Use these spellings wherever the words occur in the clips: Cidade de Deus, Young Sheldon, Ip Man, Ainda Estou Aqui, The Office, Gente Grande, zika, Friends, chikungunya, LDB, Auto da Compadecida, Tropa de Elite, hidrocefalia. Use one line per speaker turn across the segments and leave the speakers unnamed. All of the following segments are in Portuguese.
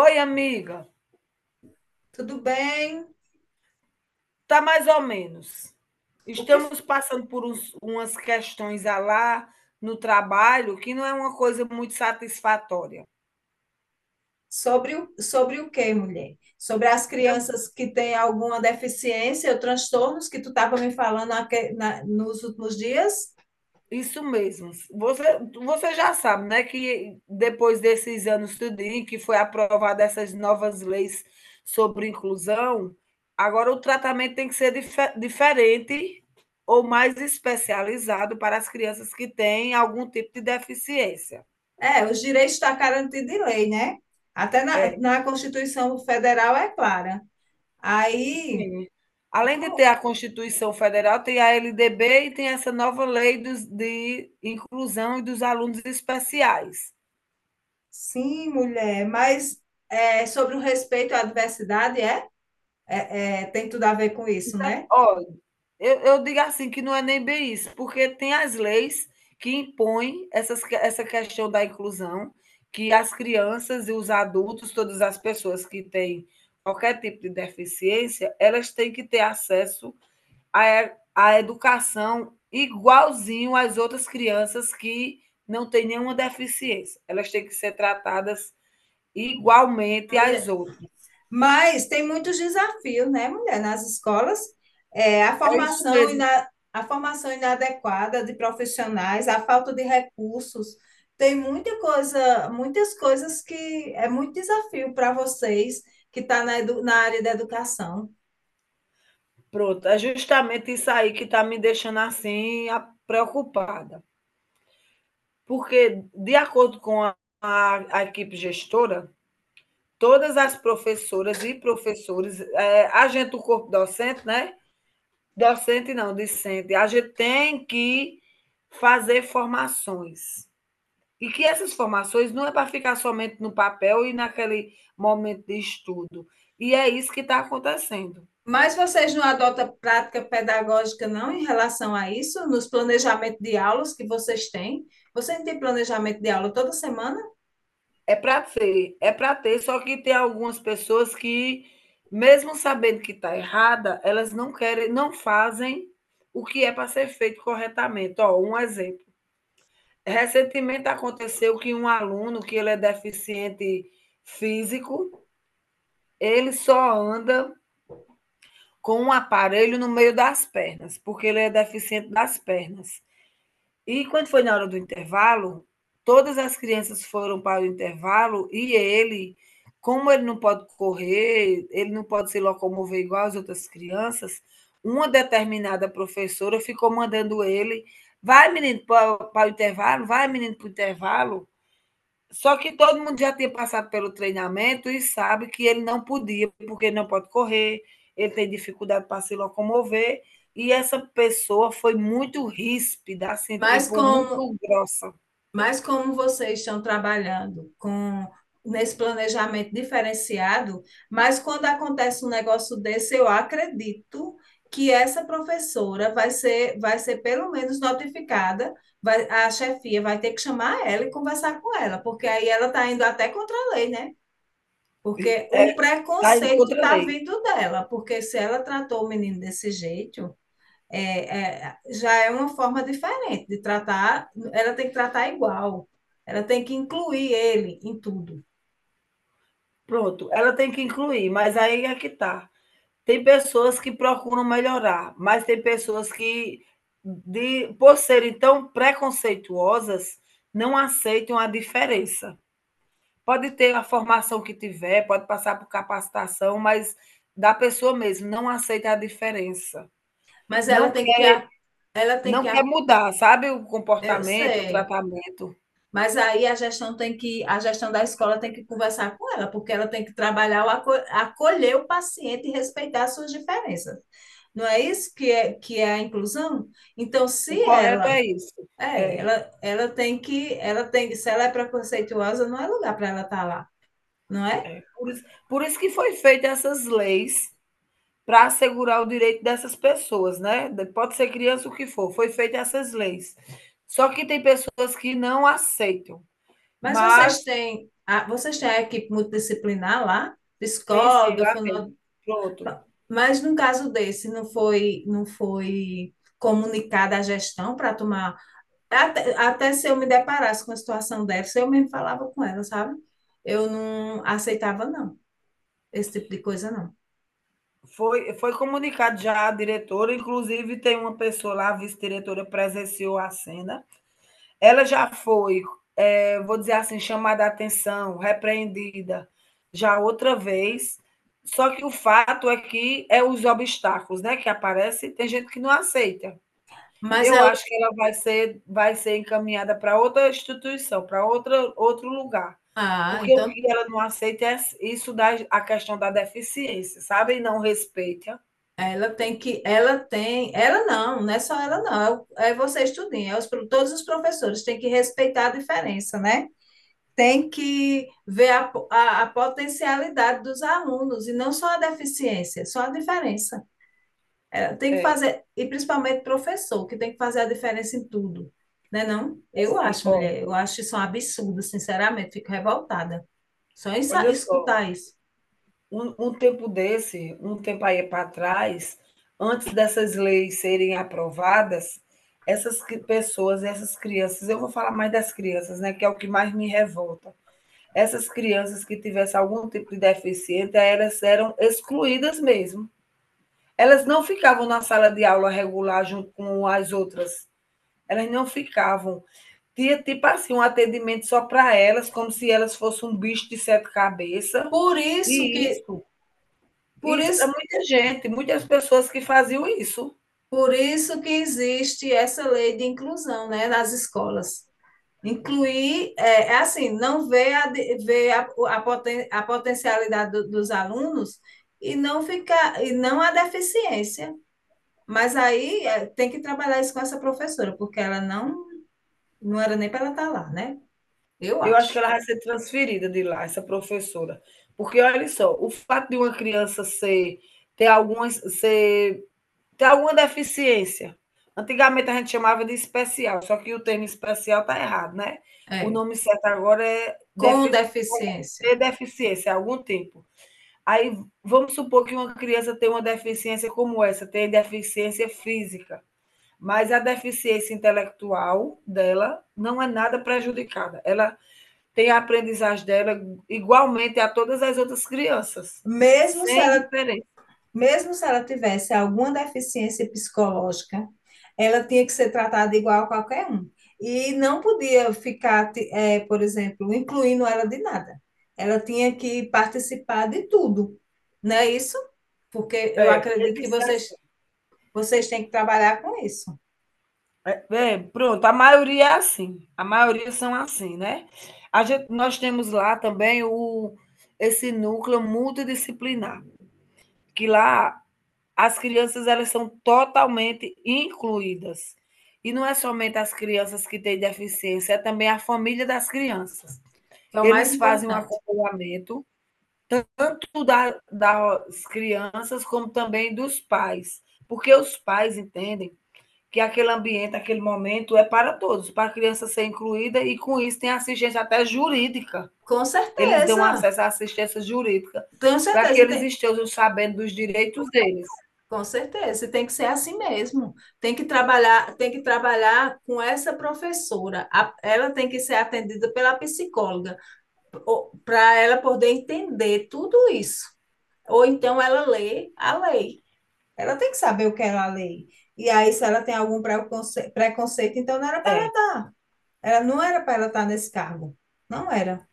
Oi, amiga.
Tudo bem?
Tá mais ou menos.
O que
Estamos passando por umas questões a lá no trabalho que não é uma coisa muito satisfatória.
sobre o, sobre o quê, mulher? Sobre as
Eu-
crianças que têm alguma deficiência ou transtornos que tu estava me falando nos últimos dias?
isso mesmo. Você já sabe, né, que depois desses anos tudinho que foi aprovada essas novas leis sobre inclusão, agora o tratamento tem que ser diferente ou mais especializado para as crianças que têm algum tipo de deficiência.
É, os direitos estão garantidos em lei, né? Até na,
É,
na Constituição Federal é clara. Aí,
sim. Além de ter
como?
a Constituição Federal, tem a LDB e tem essa nova lei dos de inclusão e dos alunos especiais.
Sim, mulher, mas é, sobre o respeito à diversidade, é? É, é, tem tudo a ver com isso,
Exato.
né?
Olha, eu digo assim, que não é nem bem isso, porque tem as leis que impõem essa questão da inclusão, que as crianças e os adultos, todas as pessoas que têm qualquer tipo de deficiência, elas têm que ter acesso a, a educação igualzinho às outras crianças que não têm nenhuma deficiência. Elas têm que ser tratadas igualmente às
Mulher,
outras.
mas tem muitos desafios, né, mulher? Nas escolas, é, a
É isso
formação e
mesmo.
a formação inadequada de profissionais, a falta de recursos, tem muita coisa, muitas coisas que é muito desafio para vocês que estão tá na área da educação.
Pronto, é justamente isso aí que está me deixando assim preocupada. Porque, de acordo com a equipe gestora, todas as professoras e professores, a gente, o corpo docente, né? Docente não, discente, a gente tem que fazer formações. E que essas formações não é para ficar somente no papel e naquele momento de estudo. E é isso que está acontecendo.
Mas vocês não adotam prática pedagógica, não, em relação a isso, nos planejamentos de aulas que vocês têm? Vocês têm planejamento de aula toda semana?
É para ter, só que tem algumas pessoas que, mesmo sabendo que está errada, elas não querem, não fazem o que é para ser feito corretamente. Ó, um exemplo. Recentemente aconteceu que um aluno que ele é deficiente físico, ele só anda com um aparelho no meio das pernas, porque ele é deficiente das pernas. E quando foi na hora do intervalo, todas as crianças foram para o intervalo e ele, como ele não pode correr, ele não pode se locomover igual as outras crianças, uma determinada professora ficou mandando ele, vai menino para o intervalo, vai menino para o intervalo, só que todo mundo já tinha passado pelo treinamento e sabe que ele não podia, porque ele não pode correr, ele tem dificuldade para se locomover. E essa pessoa foi muito ríspida, assim,
Mas
tipo,
como
muito grossa.
Mas como vocês estão trabalhando com nesse planejamento diferenciado, mas quando acontece um negócio desse, eu acredito que essa professora vai ser pelo menos notificada, vai, a chefia vai ter que chamar ela e conversar com ela, porque aí ela está indo até contra a lei, né? Porque
Está
o
tá indo
preconceito
contra a
está
lei.
vindo dela, porque se ela tratou o menino desse jeito, é, é, já é uma forma diferente de tratar, ela tem que tratar igual, ela tem que incluir ele em tudo,
Pronto, ela tem que incluir, mas aí é que tá. Tem pessoas que procuram melhorar, mas tem pessoas que, por serem tão preconceituosas, não aceitam a diferença. Pode ter a formação que tiver, pode passar por capacitação, mas da pessoa mesmo, não aceita a diferença.
mas ela
Não
tem que,
quer
ela tem
não
que,
quer mudar, sabe, o
eu
comportamento, o
sei,
tratamento.
mas aí a gestão tem que, a gestão da escola tem que conversar com ela, porque ela tem que trabalhar, o acolher o paciente e respeitar as suas diferenças. Não é isso que é a inclusão? Então,
O
se
correto
ela
é isso.
é,
É,
ela tem que, ela tem, se ela é preconceituosa, não é lugar para ela estar lá, não é?
é. Por isso que foi feita essas leis para assegurar o direito dessas pessoas, né, de pode ser criança, o que for, foi feita essas leis. Só que tem pessoas que não aceitam,
Mas
mas
vocês têm a equipe multidisciplinar lá,
tem sim,
psicóloga,
lá tem.
fono...
Pronto.
Mas no caso desse não foi comunicada a gestão para tomar, até, até se eu me deparasse com a situação dessa, eu mesmo falava com ela, sabe? Eu não aceitava não esse tipo de coisa não.
Foi comunicado já à diretora, inclusive tem uma pessoa lá, a vice-diretora, presenciou a cena. Ela já foi, é, vou dizer assim, chamada a atenção, repreendida já outra vez. Só que o fato é que é os obstáculos né, que aparecem, tem gente que não aceita.
Mas
Eu
ela,
acho que vai ser encaminhada para outra instituição, para outra, outro lugar.
ah,
Porque o
então
que ela não aceita é isso da a questão da deficiência, sabe? E não respeita.
ela tem que, ela tem, ela não, não é só ela não, é, é você estudinho, é os, todos os professores têm que respeitar a diferença, né? Tem que ver a, a potencialidade dos alunos e não só a deficiência, só a diferença. Ela tem que
É.
fazer, e principalmente o professor, que tem que fazer a diferença em tudo, né não? Eu
Assim,
acho,
ó,
mulher, eu acho isso um absurdo, sinceramente, fico revoltada só em
olha só,
escutar isso.
um tempo desse, um tempo aí para trás, antes dessas leis serem aprovadas, essas cri pessoas, essas crianças eu vou falar mais das crianças, né, que é o que mais me revolta. Essas crianças que tivessem algum tipo de deficiência, elas eram excluídas mesmo. Elas não ficavam na sala de aula regular junto com as outras, elas não ficavam. Tinha tipo assim, um atendimento só para elas, como se elas fossem um bicho de sete cabeças.
Por isso
E
que,
isso,
por
isso era
isso
muita gente, muitas pessoas que faziam isso.
por isso que existe essa lei de inclusão, né, nas escolas. Incluir, é, é assim, não ver, a, ver a, a potencialidade do, dos alunos e não ficar, e não a deficiência. Mas aí é, tem que trabalhar isso com essa professora, porque ela não, não era nem para ela estar lá, né? Eu
Eu acho que
acho.
ela vai ser transferida de lá, essa professora. Porque olha só, o fato de uma criança ser ter alguma deficiência. Antigamente a gente chamava de especial, só que o termo especial está errado, né? O
É,
nome certo agora é
com
defi
deficiência.
ter deficiência, algum tipo. Aí vamos supor que uma criança tem uma deficiência como essa, tem deficiência física, mas a deficiência intelectual dela não é nada prejudicada. Ela tem a aprendizagem dela igualmente a todas as outras crianças,
Mesmo se
sem
ela
diferença.
Mesmo se ela tivesse alguma deficiência psicológica, ela tinha que ser tratada igual a qualquer um. E não podia ficar, por exemplo, incluindo ela de nada. Ela tinha que participar de tudo, não é isso? Porque eu
É, tem
acredito
que
que
ser assim.
vocês, vocês têm que trabalhar com isso,
Pronto, a maioria é assim. A maioria são assim, né? Nós temos lá também esse núcleo multidisciplinar, que lá as crianças elas são totalmente incluídas. E não é somente as crianças que têm deficiência, é também a família das crianças.
que é o mais
Eles fazem um
importante.
acompanhamento tanto das crianças como também dos pais, porque os pais entendem que aquele ambiente, aquele momento é para todos, para a criança ser incluída e com isso tem assistência até jurídica.
Com
Eles dão
certeza,
acesso à assistência jurídica
tenho certeza.
para que eles estejam sabendo dos direitos deles.
Com certeza, e tem que ser assim mesmo. Tem que trabalhar com essa professora. A- ela tem que ser atendida pela psicóloga, para ela poder entender tudo isso. Ou então ela lê a lei. Ela tem que saber o que ela lê. E aí, se ela tem algum preconceito, então não era para ela,
É.
ela não era para ela estar nesse cargo. Não era.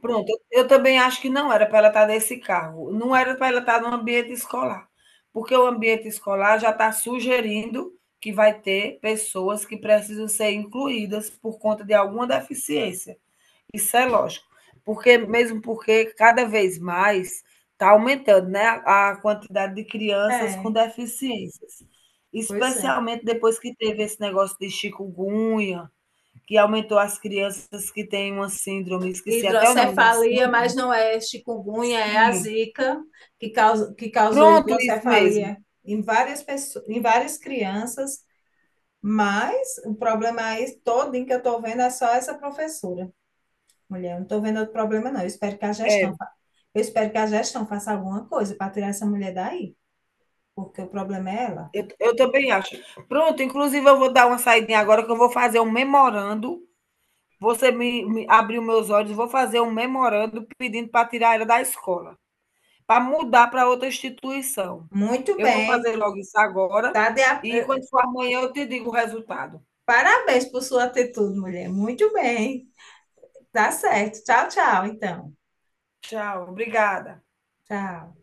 Pronto, eu também acho que não era para ela estar nesse cargo, não era para ela estar no ambiente escolar, porque o ambiente escolar já está sugerindo que vai ter pessoas que precisam ser incluídas por conta de alguma deficiência. Isso é lógico, porque mesmo porque cada vez mais está aumentando, né, a quantidade de crianças com
É,
deficiências,
pois é.
especialmente depois que teve esse negócio de chikungunya, que aumentou as crianças que têm uma síndrome, esqueci até o nome da
Hidrocefalia,
síndrome.
mas não é chikungunya, é a
Sim.
zika que causou
Pronto, isso mesmo.
hidrocefalia em várias pessoas, em várias crianças, mas o problema aí todo em que eu estou vendo é só essa professora. Mulher, eu não estou vendo outro problema, não. Eu espero que a
É,
gestão, eu espero que a gestão faça alguma coisa para tirar essa mulher daí, porque o problema é ela.
eu também acho. Pronto, inclusive eu vou dar uma saidinha agora que eu vou fazer um memorando. Você me abriu meus olhos, vou fazer um memorando pedindo para tirar ela da escola, para mudar para outra instituição.
Muito
Eu vou fazer
bem.
logo isso agora
Tá
e quando for amanhã eu te digo o resultado.
Parabéns por sua atitude, mulher. Muito bem. Tá certo. Tchau, tchau, então.
Tchau, obrigada.
Tchau.